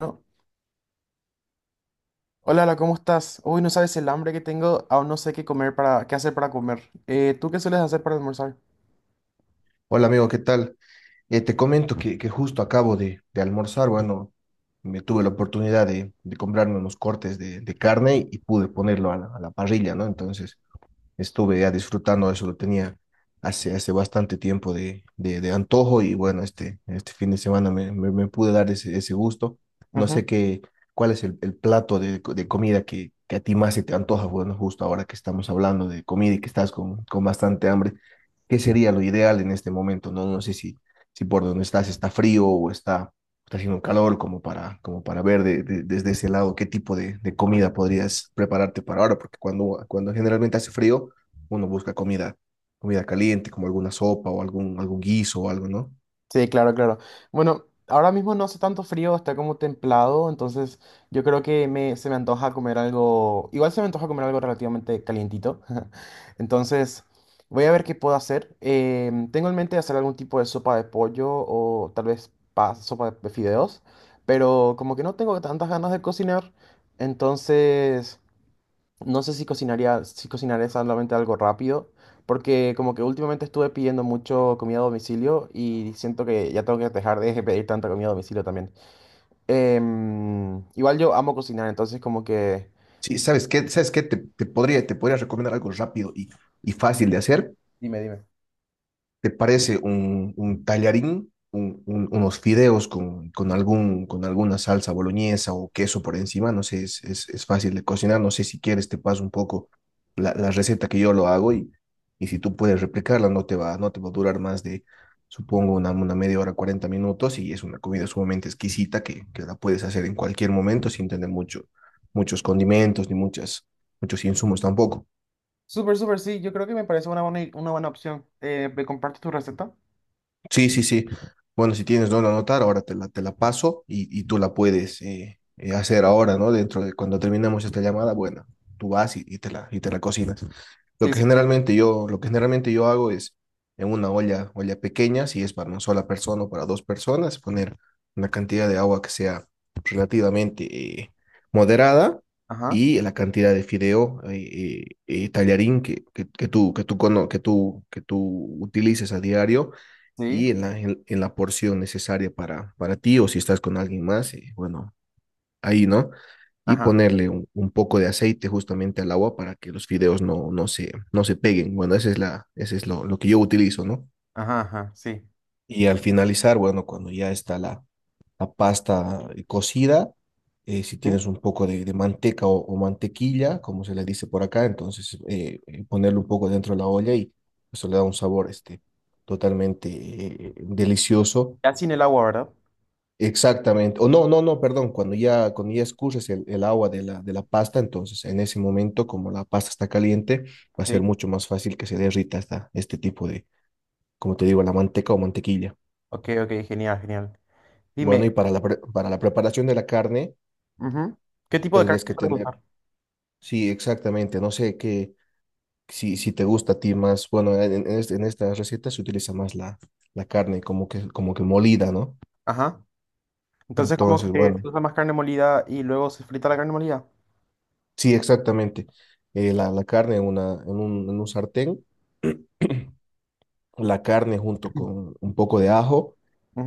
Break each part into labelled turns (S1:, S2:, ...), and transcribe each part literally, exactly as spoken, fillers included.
S1: No. Hola, hola, ¿cómo estás? Uy, no sabes el hambre que tengo, aún no sé qué comer para, qué hacer para comer. Eh, ¿tú qué sueles hacer para almorzar?
S2: Hola amigo, ¿qué tal? Eh, te comento que, que justo acabo de, de almorzar, bueno, me tuve la oportunidad de, de comprarme unos cortes de, de carne y pude ponerlo a la, a la parrilla, ¿no? Entonces estuve ya disfrutando eso, lo tenía hace, hace bastante tiempo de, de, de antojo y bueno, este, este fin de semana me, me, me pude dar ese, ese gusto. No sé
S1: Ujú.
S2: qué, cuál es el, el plato de, de comida que, que a ti más se te antoja, bueno, justo ahora que estamos hablando de comida y que estás con, con bastante hambre, ¿qué sería lo ideal en este momento? No, no sé si si por donde estás está frío o está, está haciendo calor, como para, como para ver de- de- desde ese lado qué tipo de, de comida podrías prepararte para ahora, porque cuando, cuando generalmente hace frío, uno busca comida, comida caliente, como alguna sopa o algún, algún guiso o algo, ¿no?
S1: Sí, claro, claro. Bueno, ahora mismo no hace tanto frío, está como templado, entonces yo creo que me, se me antoja comer algo, igual se me antoja comer algo relativamente calientito. Entonces, voy a ver qué puedo hacer. Em, tengo en mente hacer algún tipo de sopa de pollo o tal vez pa- sopa de fideos, pero como que no tengo tantas ganas de cocinar, entonces... No sé si cocinaría, si cocinaré solamente algo rápido, porque como que últimamente estuve pidiendo mucho comida a domicilio y siento que ya tengo que dejar de pedir tanta comida a domicilio también. Em, igual yo amo cocinar, entonces como que...
S2: Sí, ¿sabes qué? ¿Sabes qué? Te, te podría, te podría recomendar algo rápido y, y fácil de hacer.
S1: Dime, dime.
S2: ¿Te parece un, un tallarín, un- un- unos fideos con, con, algún, con alguna salsa boloñesa o queso por encima? No sé, es, es, es fácil de cocinar. No sé si quieres, te paso un poco la, la receta que yo lo hago y, y si tú puedes replicarla, no te va, no te va a durar más de, supongo, una, una media hora, cuarenta minutos, y es una comida sumamente exquisita que, que la puedes hacer en cualquier momento sin tener mucho, muchos condimentos ni muchas, muchos insumos tampoco.
S1: Súper, súper, sí, yo creo que me parece una buena, i- una buena opción. Eh, ¿me compartes tu receta?
S2: Sí, sí, sí. Bueno, si tienes dónde anotar, ahora te la, te la paso y, y tú la puedes eh, eh, hacer ahora, ¿no? Dentro de cuando terminemos esta llamada, bueno, tú vas y, y te la, y te la cocinas. Lo
S1: Sí,
S2: que
S1: sí. Sí.
S2: generalmente yo, lo que generalmente yo hago es en una olla, olla pequeña, si es para una sola persona o para dos personas, poner una cantidad de agua que sea relativamente eh, moderada,
S1: Ajá,
S2: y la cantidad de fideo, eh, eh, eh, tallarín, que, que, que tú, que tú, cono- que tú, que tú utilices a diario,
S1: sí,
S2: y en la, en, en la porción necesaria para, para ti o si estás con alguien más, y bueno, ahí, ¿no? Y
S1: ajá,
S2: ponerle un, un, poco de aceite justamente al agua para que los fideos no, no, se, no se peguen. Bueno, esa es la, ese es lo, lo que yo utilizo, ¿no?
S1: ajá, ajá, sí.
S2: Y al finalizar, bueno, cuando ya está la, la pasta eh, cocida, eh, si
S1: Sí.
S2: tienes un poco de, de manteca o, o, mantequilla, como se le dice por acá, entonces eh, eh, ponerle un poco dentro de la olla y eso le da un sabor este, totalmente eh, delicioso.
S1: Ya sin el agua, ¿verdad?
S2: Exactamente. O no, no, no, perdón. Cuando ya, cuando ya escurres el, el agua de la, de la pasta, entonces en ese momento, como la pasta está caliente, va a ser
S1: Sí.
S2: mucho más fácil que se derrita esta, este tipo de, como te digo, la manteca o mantequilla.
S1: Ok, ok, genial, genial.
S2: Bueno,
S1: Dime,
S2: y para la, pre- para la preparación de la carne,
S1: ujú, ¿qué tipo de carne
S2: tendrías que
S1: sueles
S2: tener,
S1: usar?
S2: sí, exactamente. No sé qué, si, si te gusta a ti más, bueno, en, en, este- en esta receta se utiliza más la, la carne como que, como que molida, ¿no?
S1: Ajá. Entonces como
S2: Entonces,
S1: que se
S2: bueno,
S1: usa más carne molida y luego se frita la carne molida.
S2: sí, exactamente. Eh, la, la carne en, una, en un, en un sartén. La carne junto con un poco de ajo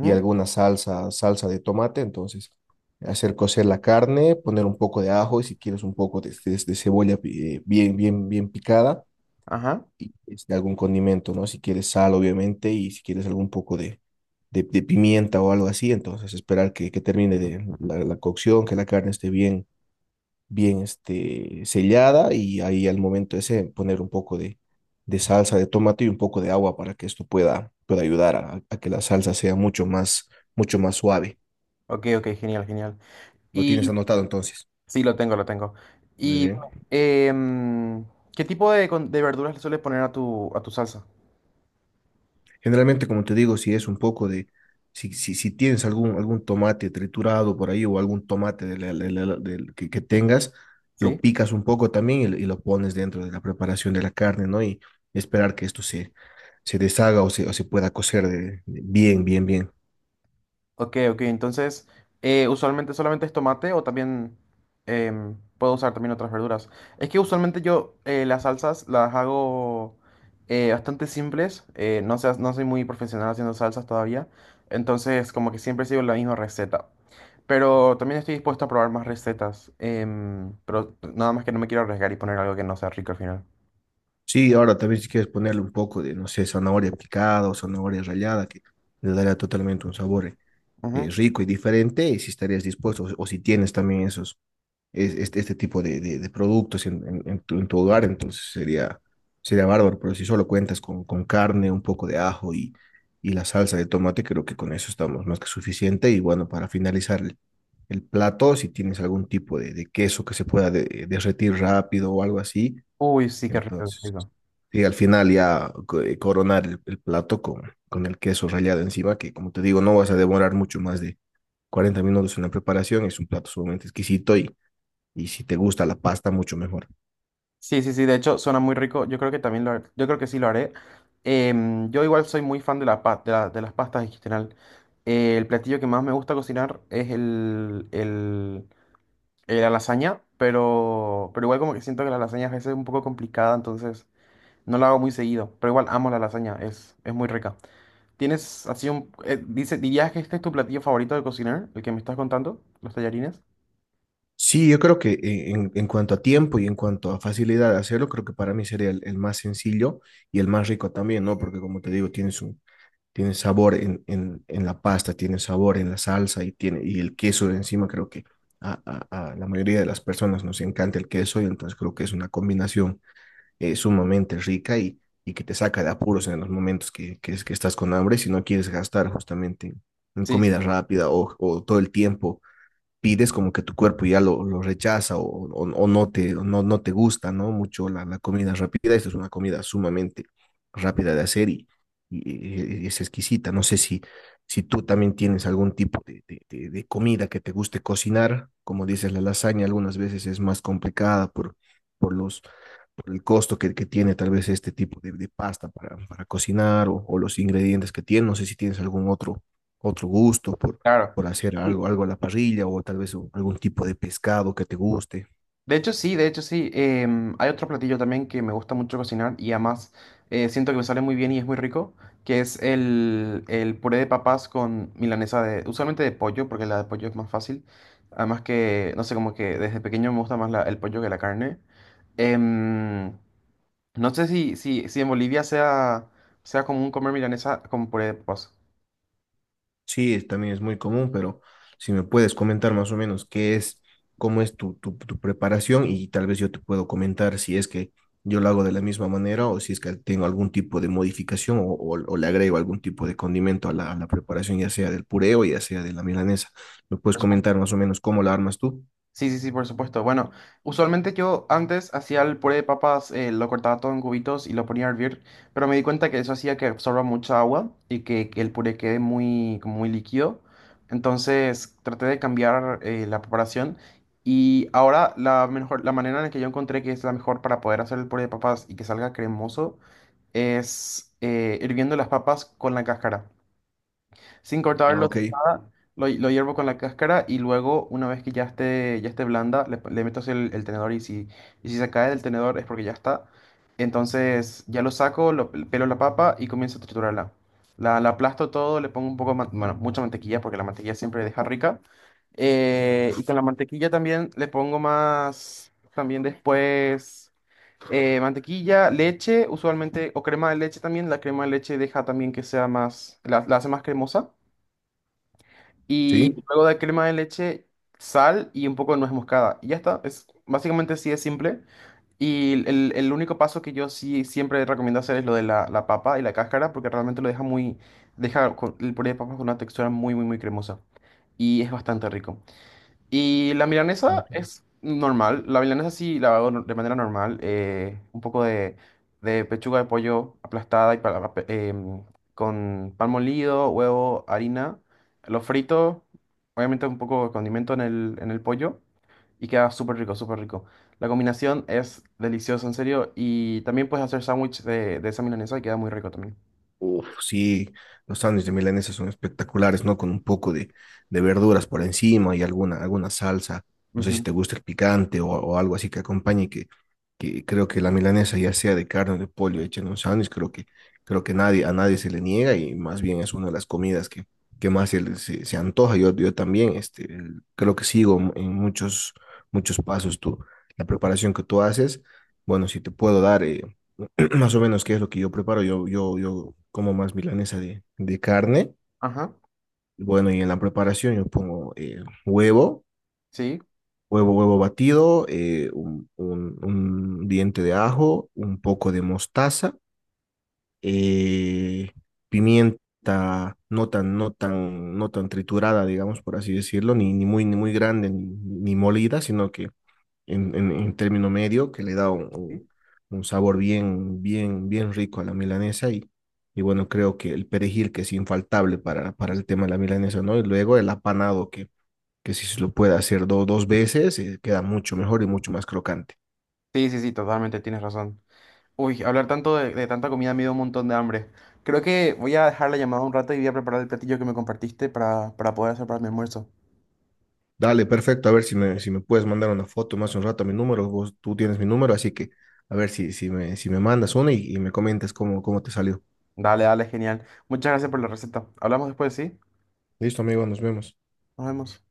S2: y alguna salsa, salsa de tomate. Entonces, hacer cocer la carne, poner un poco de ajo y si quieres un poco de, de- de cebolla, eh, bien, bien, bien picada,
S1: ajá.
S2: y este, algún condimento, ¿no? Si quieres sal, obviamente, y si quieres algún poco de, de, de pimienta o algo así. Entonces, esperar que, que termine de la, la cocción, que la carne esté bien bien este, sellada, y ahí al momento ese poner un poco de, de salsa de tomate y un poco de agua para que esto pueda, pueda ayudar a, a que la salsa sea mucho más, mucho más suave.
S1: Ok, ok, genial, genial.
S2: ¿Lo tienes
S1: Y
S2: anotado entonces?
S1: sí, lo tengo, lo tengo.
S2: Muy
S1: Y
S2: bien.
S1: em, ¿qué tipo de, con- de verduras le sueles poner a tu, a tu salsa?
S2: Generalmente, como te digo, si es un poco de, si, si, si tienes algún, algún tomate triturado por ahí o algún tomate de la- de la- del que, que tengas,
S1: ¿Sí?
S2: lo picas un poco también y, lo- y lo pones dentro de la preparación de la carne, ¿no? Y esperar que esto se se deshaga o se, o se pueda cocer, de- de- bien, bien, bien.
S1: Ok, ok, entonces, eh, usualmente solamente es tomate o también em, puedo usar también otras verduras. Es que usualmente yo eh, las salsas las hago eh, bastante simples, eh, no sé, no soy muy profesional haciendo salsas todavía, entonces como que siempre sigo la misma receta. Pero también estoy dispuesto a probar más recetas, em, pero nada más que no me quiero arriesgar y poner algo que no sea rico al final.
S2: Sí, ahora también si quieres ponerle un poco de, no sé, zanahoria picada o zanahoria rallada, que le daría totalmente un sabor eh,
S1: Ujú.
S2: rico y diferente, y si estarías dispuesto o si, o si tienes también esos es- este, este tipo de, de- de productos en, en- en tu, en tu hogar, entonces sería, sería bárbaro, pero si solo cuentas con, con carne, un poco de ajo y, y la salsa de tomate, creo que con eso estamos más que suficiente. Y bueno, para finalizar el, el plato, si tienes algún tipo de, de queso que se pueda de- eh, derretir rápido o algo así,
S1: Uy, sí, qué rico, qué
S2: entonces.
S1: rico.
S2: Y al final ya co- eh, coronar el, el plato con, con el queso rallado encima, que como te digo, no vas a demorar mucho más de cuarenta minutos en la preparación. Es un plato sumamente exquisito y, y si te gusta la pasta, mucho mejor.
S1: Sí, sí, sí, de hecho suena muy rico. Yo creo que también lo, har- yo creo que sí lo haré. Em, yo igual soy muy fan de la, pa- de la- de las pastas en general. Eh, el platillo que más me gusta cocinar es el, el, eh, la lasaña, pero, pero igual como que siento que la lasaña a veces es un poco complicada, entonces no la hago muy seguido. Pero igual amo la lasaña, es, es muy rica. ¿Tienes así un... eh, dice, ¿dirías que este es tu platillo favorito de cocinar? El que me estás contando, los tallarines.
S2: Sí, yo creo que e, en, en cuanto a tiempo y en cuanto a facilidad de hacerlo, creo que para mí sería el, el más sencillo y el más rico también, ¿no? Porque como te digo, tienes un, tiene sabor en, en, en la pasta, tiene sabor en la salsa, y, tiene, y el queso de encima creo que a, a, a la mayoría de las personas nos encanta el queso, y entonces creo que es una combinación eh, sumamente rica, y, y que te saca de apuros en los momentos que, que, es, que estás con hambre, si no quieres gastar justamente en, en
S1: Sí, sí,
S2: comida rápida, o, o todo el tiempo pides como que tu cuerpo ya lo, lo rechaza, o, o- o no te, o no, no te gusta, ¿no? Mucho la, la comida rápida. Esta es una comida sumamente rápida de hacer, y, y- y es exquisita. No sé si, si tú también tienes algún tipo de, de- de- de comida que te guste cocinar. Como dices, la lasaña algunas veces es más complicada por, por los, por el costo que, que tiene tal vez este tipo de, de pasta para, para cocinar, o, o los ingredientes que tiene. No sé si tienes algún otro, otro gusto por
S1: claro.
S2: por hacer algo, algo a la parrilla o tal vez un- algún tipo de pescado que te guste.
S1: De hecho, sí, de hecho, sí. Em, hay otro platillo también que me gusta mucho cocinar y además eh, siento que me sale muy bien y es muy rico, que es el, el puré de papas con milanesa de, usualmente de pollo, porque la de pollo es más fácil. Además que, no sé, como que desde pequeño me gusta más la- el pollo que la carne. Em, no sé si, si, si en Bolivia sea, sea común comer milanesa con puré de papas.
S2: Sí, es- también es muy común, pero si me puedes comentar más o menos qué es, cómo es tu, tu, tu preparación, y tal vez yo te puedo comentar si es que yo lo hago de la misma manera o si es que tengo algún tipo de modificación, o, o- o le agrego algún tipo de condimento a la, a la preparación, ya sea del puré o ya sea de la milanesa. ¿Me puedes comentar más o menos cómo la armas tú?
S1: Sí, sí, sí, por supuesto. Bueno, usualmente yo antes hacía el puré de papas, eh, lo cortaba todo en cubitos y lo ponía a hervir, pero me di cuenta que eso hacía que absorba mucha agua y que, que el puré quede muy, como muy líquido. Entonces traté de cambiar eh, la preparación y ahora la mejor, la manera en la que yo encontré que es la mejor para poder hacer el puré de papas y que salga cremoso es eh, hirviendo las papas con la cáscara. Sin
S2: Ah,
S1: cortarlo,
S2: ok,
S1: sin nada, lo, lo hiervo con la cáscara y luego, una vez que ya esté, ya esté blanda, le, le meto hacia el, el tenedor y si, y si se cae del tenedor es porque ya está. Entonces ya lo saco, lo, pelo la papa y comienzo a triturarla. La, la aplasto todo, le pongo un poco, de man- bueno, mucha mantequilla porque la mantequilla siempre deja rica. Eh, y con la mantequilla también le pongo más, también después, eh, mantequilla, leche, usualmente, o crema de leche también. La crema de leche deja también que sea más, la la hace más cremosa. Y
S2: sí.
S1: luego de crema de leche, sal y un poco de nuez moscada. Y ya está. Es, básicamente sí es simple. Y el, el único paso que yo sí siempre recomiendo hacer es lo de la, la papa y la cáscara, porque realmente lo deja muy, deja con- el puré de papas con una textura muy, muy, muy cremosa. Y es bastante rico. Y la milanesa
S2: Ok.
S1: es normal. La milanesa sí la hago no- de manera normal. eh, un poco de, de pechuga de pollo aplastada y para- pa- em, con pan molido, huevo, harina. Lo frito, obviamente un poco de condimento en el, en el pollo. Y queda súper rico, súper rico. La combinación es deliciosa, en serio. Y también puedes hacer sándwich de, de esa milanesa y queda muy rico también.
S2: Uf, sí, los sándwiches de milanesa son espectaculares, ¿no? Con un poco de, de verduras por encima y alguna, alguna salsa. No sé si
S1: Ujú.
S2: te gusta el picante o, o algo así que acompañe, que, que creo que la milanesa, ya sea de carne o de pollo, hecha en un sándwich, creo que, creo que nadie, a nadie se le niega, y más bien es una de las comidas que, que más se, le- se, se antoja. Yo, yo también, este, el- creo que sigo en muchos, muchos pasos tú, la preparación que tú haces. Bueno, si te puedo dar. eh, Más o menos, ¿qué es lo que yo preparo? Yo, yo, yo como más milanesa de, de carne.
S1: Ajá.
S2: Bueno, y en la preparación yo pongo eh, huevo,
S1: Sí.
S2: huevo, huevo batido, eh, un, un- un diente de ajo, un poco de mostaza, eh, pimienta no tan, no tan, no tan triturada, digamos, por así decirlo, ni, ni muy, ni muy grande, ni, ni molida, sino que en, en, en término medio, que le da un, un-
S1: Sí,
S2: un sabor bien, bien, bien rico a la milanesa, y, y bueno, creo que el perejil que es infaltable para, para el tema de la milanesa, ¿no? Y luego el apanado, que, que si se lo puede hacer do- dos veces, eh, queda mucho mejor y mucho más crocante.
S1: sí, sí, sí, totalmente, tienes razón. Uy, hablar tanto de, de tanta comida me dio un montón de hambre. Creo que voy a dejar la llamada un rato y voy a preparar el platillo que me compartiste para, para poder hacer para mi almuerzo.
S2: Dale, perfecto, a ver si me, si me puedes mandar una foto más un rato a mi número, vos, tú tienes mi número, así que a ver si, si me, si me mandas una, y, y me comentas cómo, cómo te salió.
S1: Dale, dale, genial. Muchas gracias por la receta. Hablamos después, ¿sí?
S2: Listo, amigo, nos vemos.
S1: Nos vemos.